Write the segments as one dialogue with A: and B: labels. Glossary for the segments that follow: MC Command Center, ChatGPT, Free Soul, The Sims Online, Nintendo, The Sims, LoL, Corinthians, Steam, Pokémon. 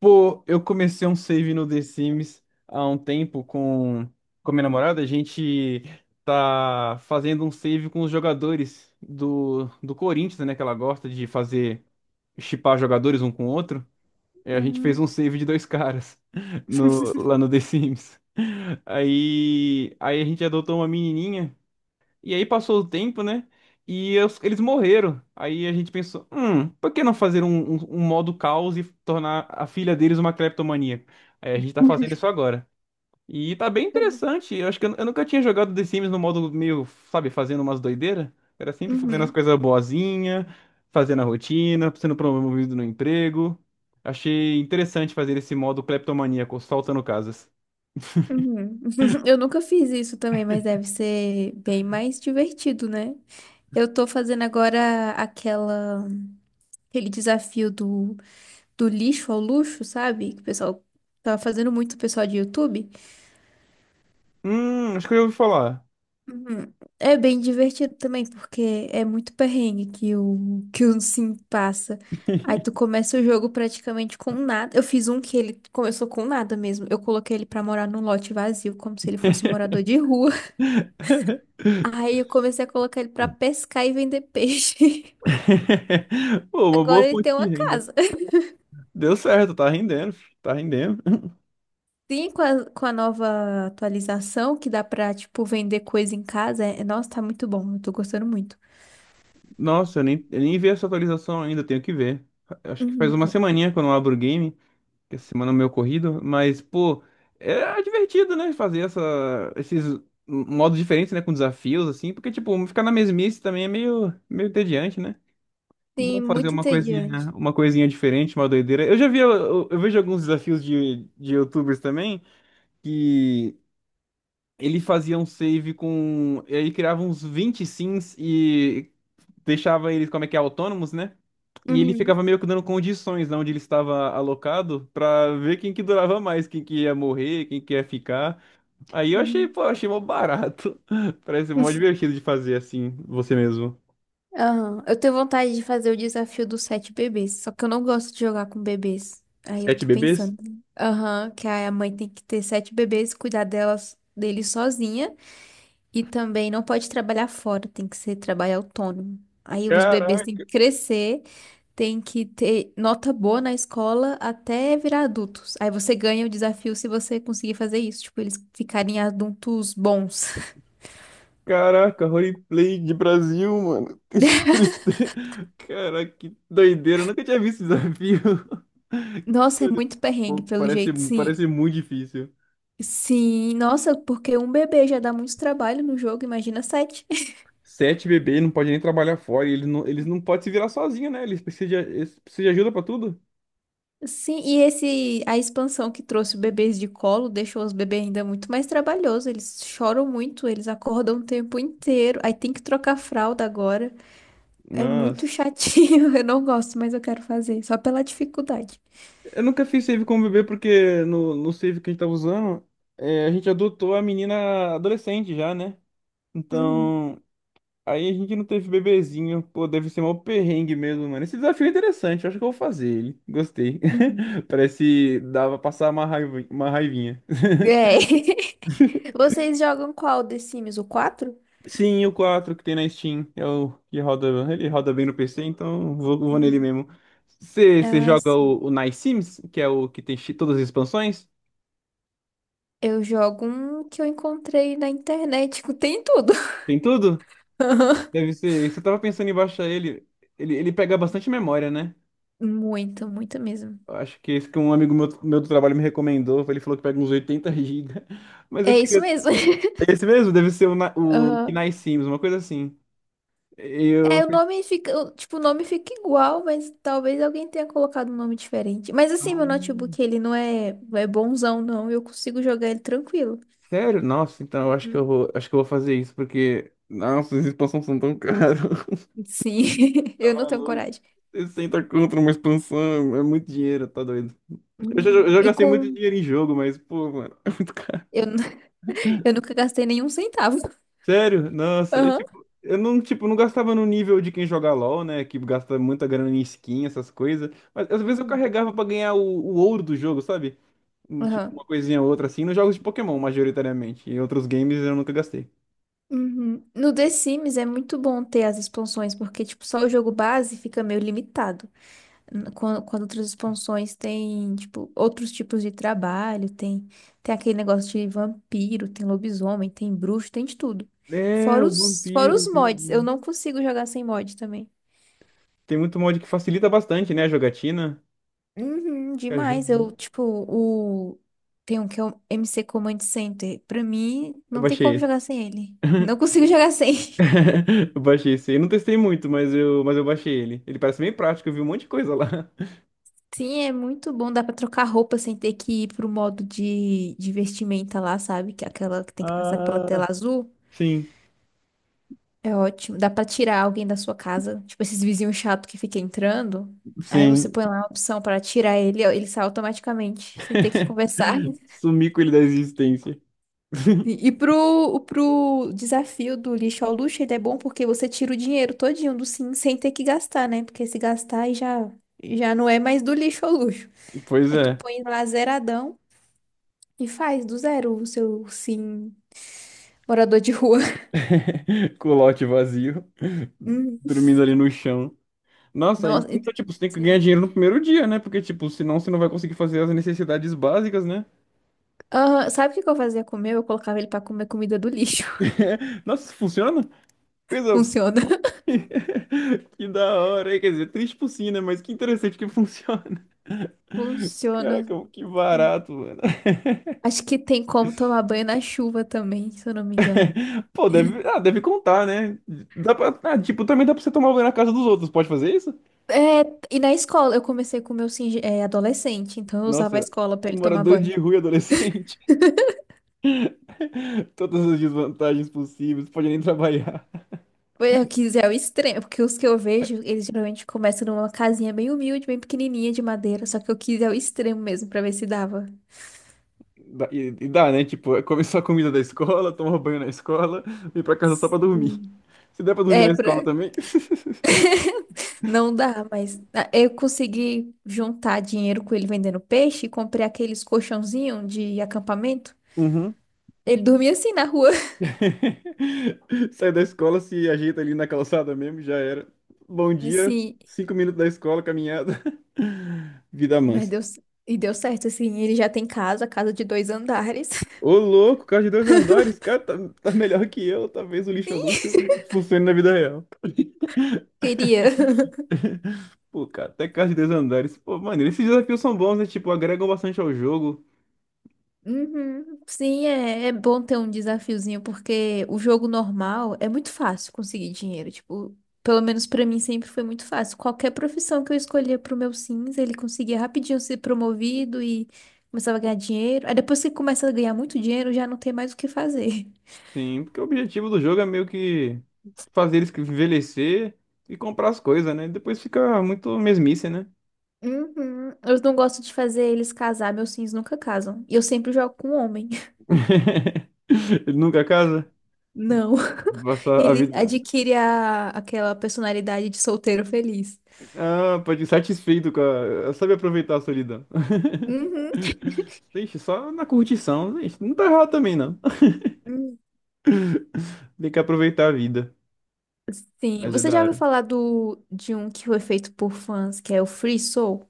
A: Pô, eu comecei um save no The Sims há um tempo com a minha namorada. A gente tá fazendo um save com os jogadores do Corinthians, né? Que ela gosta de fazer, shippar jogadores um com o outro. E a gente fez
B: Uhum.
A: um save de dois caras no, lá no The Sims. Aí a gente adotou uma menininha. E aí passou o tempo, né? E eles morreram. Aí a gente pensou, por que não fazer um modo caos e tornar a filha deles uma cleptomaníaca? Aí a gente tá fazendo isso agora. E tá bem interessante. Eu acho que eu nunca tinha jogado The Sims no modo meio, sabe, fazendo umas doideiras. Era sempre fazendo as
B: Uhum.
A: coisas boazinha, fazendo a rotina, sendo promovido no emprego. Achei interessante fazer esse modo cleptomaníaco, soltando casas.
B: Uhum. Eu nunca fiz isso também, mas deve ser bem mais divertido, né? Eu tô fazendo agora aquela, aquele desafio do lixo ao luxo, sabe? Que o pessoal tava fazendo muito, o pessoal de YouTube.
A: Acho que eu já ouvi falar.
B: Uhum. É bem divertido também, porque é muito perrengue que o Sim passa. Aí tu começa o jogo praticamente com nada. Eu fiz um que ele começou com nada mesmo. Eu coloquei ele pra morar num lote vazio, como se ele fosse morador de rua. Aí eu comecei a colocar ele pra pescar e vender peixe.
A: Pô, uma
B: Agora
A: boa
B: ele
A: fonte
B: tem
A: de
B: uma
A: renda.
B: casa.
A: Deu certo, tá rendendo, fi, tá rendendo.
B: Sim, com a nova atualização, que dá pra, tipo, vender coisa em casa. É, nossa, tá muito bom. Eu tô gostando muito.
A: Nossa, eu nem vi essa atualização ainda, tenho que ver. Acho que faz uma
B: Uhum.
A: semaninha que eu não abro o game, que essa semana é meio corrido, mas, pô, é divertido, né? Fazer esses modos diferentes, né? Com desafios, assim, porque, tipo, ficar na mesmice também é meio entediante, né? Bom
B: Sim,
A: fazer
B: muito
A: uma coisinha,
B: entediante.
A: uma coisinha diferente, uma doideira. Eu já vi, eu vejo alguns desafios de YouTubers também, que ele fazia um save com, e aí criava uns 20 sims e deixava eles, como é que é, autônomos, né? E ele
B: Uhum.
A: ficava meio que dando condições, né, onde ele estava alocado pra ver quem que durava mais, quem que ia morrer, quem que ia ficar. Aí eu achei,
B: Uhum.
A: pô, achei mó barato. Parece mó divertido de fazer assim, você mesmo.
B: Aham. Eu tenho vontade de fazer o desafio dos sete bebês, só que eu não gosto de jogar com bebês. Aí eu
A: Sete
B: tô
A: bebês?
B: pensando. Aham, que a mãe tem que ter sete bebês, cuidar delas, deles sozinha e também não pode trabalhar fora, tem que ser trabalho autônomo. Aí os bebês têm
A: Caraca,
B: que crescer, tem que ter nota boa na escola até virar adultos. Aí você ganha o desafio se você conseguir fazer isso, tipo, eles ficarem adultos bons.
A: caraca, roleplay de Brasil, mano. Que tristeza. Caraca, que doideira. Eu nunca tinha visto esse desafio. Que
B: Nossa, é
A: doideira.
B: muito perrengue,
A: Pô,
B: pelo
A: Parece,
B: jeito, sim.
A: parece muito difícil.
B: Sim, nossa, porque um bebê já dá muito trabalho no jogo, imagina sete.
A: Sete bebês não pode nem trabalhar fora. E eles não podem se virar sozinhos, né? Eles precisam de ajuda pra tudo.
B: Sim, e esse a expansão que trouxe bebês de colo deixou os bebês ainda muito mais trabalhoso. Eles choram muito, eles acordam o tempo inteiro. Aí tem que trocar a fralda agora. É muito
A: Nossa.
B: chatinho. Eu não gosto, mas eu quero fazer, só pela dificuldade.
A: Eu nunca fiz save com bebê porque no save que a gente tava usando, é, a gente adotou a menina adolescente já, né?
B: Uhum,
A: Então, aí a gente não teve bebezinho. Pô, deve ser mó perrengue mesmo, mano. Esse desafio é interessante, eu acho que eu vou fazer ele. Gostei.
B: uhum.
A: Parece dava pra passar uma raiva, uma raivinha.
B: É. Vocês jogam qual The Sims? O quatro.
A: Sim, o 4 que tem na Steam. É o que roda. Ele roda bem no PC, então vou nele
B: Uhum.
A: mesmo. Você
B: Ah,
A: joga
B: sim.
A: o Nice Sims, que é o que tem todas as expansões?
B: Eu jogo um que eu encontrei na internet, tem tudo.
A: Tem tudo? Deve ser. Isso eu tava pensando em baixar ele. Ele pega bastante memória, né?
B: Muito, muito mesmo.
A: Eu acho que esse que um amigo meu do trabalho me recomendou. Ele falou que pega uns 80 GB. Mas eu
B: É isso
A: queria.
B: mesmo.
A: Esse mesmo? Deve ser o que
B: Aham.
A: Nice Sims, uma coisa assim. Eu.
B: É, o nome fica, o- tipo, o nome fica igual, mas talvez alguém tenha colocado um nome diferente. Mas assim, meu
A: "Hum."
B: notebook, ele não é, não é bonzão, não. Eu consigo jogar ele tranquilo.
A: Sério? Nossa, então eu acho que eu
B: Uhum.
A: vou, acho que eu vou fazer isso, porque. Nossa, as expansões são tão caras.
B: Sim,
A: Tá
B: eu não tenho
A: maluco?
B: coragem.
A: 60 contra uma expansão, é muito dinheiro, tá doido. Eu já, eu
B: Hum.
A: já
B: E
A: gastei muito
B: com.
A: dinheiro em jogo, mas, pô, mano, é muito caro.
B: Eu, nu- eu nunca gastei nenhum centavo.
A: Sério? Nossa, eu,
B: Aham.
A: tipo, eu não, tipo, não gastava no nível de quem joga LoL, né? Que gasta muita grana em skin, essas coisas. Mas às vezes eu
B: Uhum.
A: carregava pra ganhar o ouro do jogo, sabe? Tipo,
B: Aham.
A: uma coisinha ou outra assim, nos jogos de Pokémon, majoritariamente. Em outros games eu nunca gastei.
B: Uhum. No The Sims é muito bom ter as expansões, porque, tipo, só o jogo base fica meio limitado. Quando outras expansões tem, tipo, outros tipos de trabalho, tem, tem aquele negócio de vampiro, tem lobisomem, tem bruxo, tem de tudo.
A: É, o
B: Fora os
A: vampiro.
B: mods, eu não consigo jogar sem mod também.
A: Tem muito mod que facilita bastante, né, a jogatina.
B: Uhum,
A: Que
B: demais,
A: Ajuda.
B: eu, tipo, o... Tem um que é o MC Command Center. Pra mim,
A: Eu
B: não tem
A: baixei
B: como
A: esse.
B: jogar sem ele. Não consigo jogar sem.
A: Eu baixei esse. Eu não testei muito, mas eu baixei ele. Ele parece bem prático, eu vi um monte de coisa lá.
B: Sim, é muito bom, dá pra trocar roupa sem ter que ir pro modo de vestimenta lá, sabe? Que é aquela que tem que passar pela tela
A: Ah,
B: azul.
A: sim,
B: É ótimo. Dá pra tirar alguém da sua casa, tipo esses vizinhos chato que fica entrando. Aí você
A: sim.
B: põe lá a opção pra tirar ele, ó, ele sai automaticamente, sem ter que conversar.
A: Sumi com ele da existência.
B: Pro desafio do lixo ao luxo, ele é bom porque você tira o dinheiro todinho do sim, sem ter que gastar, né? Porque se gastar, já não é mais do lixo ao luxo.
A: Pois
B: Aí tu
A: é.
B: põe lá zeradão e faz do zero o seu sim morador de rua.
A: Com o lote vazio,
B: Hum.
A: dormindo ali no chão. Nossa, aí,
B: Nossa, e-
A: então, tipo, você tem que ganhar
B: sim.
A: dinheiro no primeiro dia, né? Porque, tipo, senão você não vai conseguir fazer as necessidades básicas, né?
B: Aham, sabe o que que eu fazia com o meu? Eu colocava ele pra comer comida do lixo.
A: Nossa, isso funciona? Coisa.
B: Funciona.
A: Que da hora, hein? Quer dizer, triste por si, né? Mas que interessante que funciona.
B: Funciona.
A: Caraca, que barato, mano.
B: Acho que tem como tomar banho na chuva também, se eu não me engano.
A: Pô, deve contar, né? Ah, tipo, também dá pra você tomar banho na casa dos outros. Pode fazer isso?
B: É, e na escola, eu comecei com o meu é, adolescente, então eu usava a
A: Nossa,
B: escola pra
A: um
B: ele tomar
A: morador
B: banho.
A: de rua e adolescente. Todas as desvantagens possíveis, pode nem trabalhar.
B: Foi o que é o extremo, porque os que eu vejo, eles geralmente começam numa casinha bem humilde, bem pequenininha de madeira, só que eu quis é o extremo mesmo pra ver se dava.
A: E, dá, né? Tipo, é comer só comida da escola, tomar banho na escola, ir pra casa só pra dormir.
B: Hum.
A: Se der pra dormir
B: É,
A: na escola
B: pra...
A: também.
B: não dá, mas ah, eu consegui juntar dinheiro com ele vendendo peixe e comprei aqueles colchãozinhos de acampamento.
A: Uhum.
B: Ele dormia assim na rua.
A: Sai da escola, se ajeita ali na calçada mesmo, já era. Bom dia,
B: Sim,
A: 5 minutos da escola, caminhada. Vida
B: mas
A: mansa.
B: deu, c- e deu certo, assim. Ele já tem casa, casa de dois andares.
A: Ô, louco, carro de dois andares, cara, tá melhor que eu. Talvez o lixo é luxo funcione na vida real.
B: Queria.
A: Pô, cara, até carro de dois andares. Pô, mano, esses desafios são bons, né? Tipo, agregam bastante ao jogo.
B: Uhum. Sim, é, é bom ter um desafiozinho, porque o jogo normal é muito fácil conseguir dinheiro. Tipo, pelo menos pra mim sempre foi muito fácil. Qualquer profissão que eu escolhia pro meu Sims, ele conseguia rapidinho ser promovido e começava a ganhar dinheiro. Aí depois que começa a ganhar muito dinheiro, já não tem mais o que fazer.
A: Sim, porque o objetivo do jogo é meio que fazer eles envelhecer e comprar as coisas, né? Depois fica muito mesmice, né?
B: Uhum. Eu não gosto de fazer eles casar, meus Sims nunca casam. E eu sempre jogo com homem.
A: Ele nunca casa.
B: Não.
A: Passar a
B: Ele
A: vida.
B: adquire a, aquela personalidade de solteiro feliz.
A: Ah, pode ir satisfeito com a. Sabe aproveitar a solidão.
B: Uhum.
A: Deixa, só na curtição. Deixa, não tá errado também, não.
B: Hum.
A: Tem que aproveitar a vida.
B: Sim,
A: Mas é
B: você
A: da
B: já ouviu
A: hora.
B: falar do, de um que foi feito por fãs, que é o Free Soul?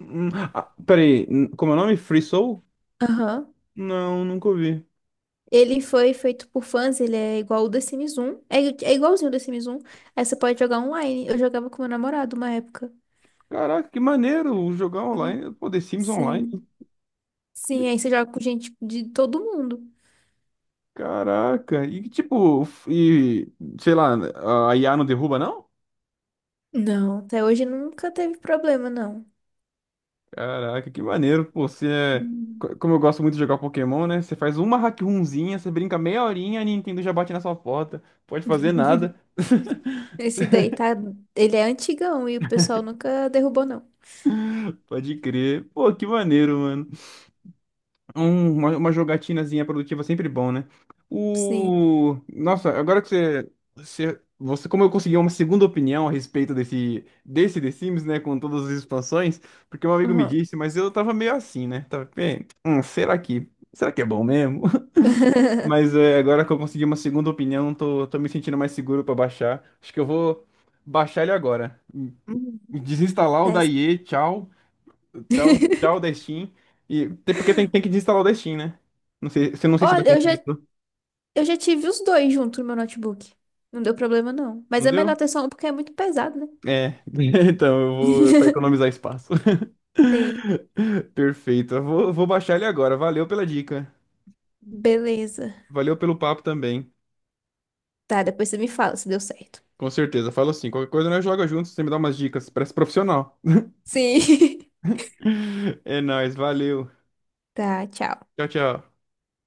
A: Ah, peraí, como é o nome? Free Soul?
B: Aham.
A: Não, nunca ouvi.
B: Ele foi feito por fãs, ele é igual o The Sims 1. É, é igualzinho o The Sims 1. Aí você pode jogar online. Eu jogava com meu namorado uma época.
A: Caraca, que maneiro jogar
B: Hum.
A: online. Pô, The Sims Online.
B: Sim.
A: Que-
B: Sim, aí você joga com gente de todo mundo.
A: Caraca. E que tipo, e sei lá, a IA não derruba, não?
B: Não, até hoje nunca teve problema, não.
A: Caraca, que maneiro, pô. Você é.
B: Hum.
A: Como eu gosto muito de jogar Pokémon, né? Você faz uma hack runzinha, você brinca meia horinha, a Nintendo já bate na sua porta. Pode fazer nada.
B: Esse daí tá. Ele é antigão e o pessoal nunca derrubou, não.
A: Pode crer. Pô, que maneiro, mano. Uma jogatinazinha produtiva é sempre bom, né?
B: Sim.
A: Nossa, agora que você, como eu consegui uma segunda opinião a respeito desse The Sims, né? Com todas as expansões, porque um amigo me
B: Aham.
A: disse, mas eu tava meio assim, né? Tava, "Bem, será que é bom mesmo? Mas é, agora que eu consegui uma segunda opinião, tô me sentindo mais seguro pra baixar. Acho que eu vou baixar ele agora.
B: Uhum.
A: Desinstalar o da
B: Desce.
A: IE, tchau, tchau, tchau da Steam. E, até porque tem que desinstalar o da Steam, né? Não sei, não sei se dá
B: Olha,
A: conflito.
B: eu já tive os dois junto no meu notebook. Não deu problema, não. Mas
A: Não
B: é
A: deu?
B: melhor ter só um porque é muito pesado, né?
A: É, então eu vou pra economizar espaço.
B: Sim.
A: Perfeito. Eu vou baixar ele agora. Valeu pela dica.
B: Beleza.
A: Valeu pelo papo também.
B: Tá, depois você me fala se deu certo.
A: Com certeza. Falo assim, qualquer coisa nós joga juntos, você me dá umas dicas. Parece profissional.
B: Sim.
A: É nóis, valeu.
B: Tá, tchau.
A: Tchau, tchau.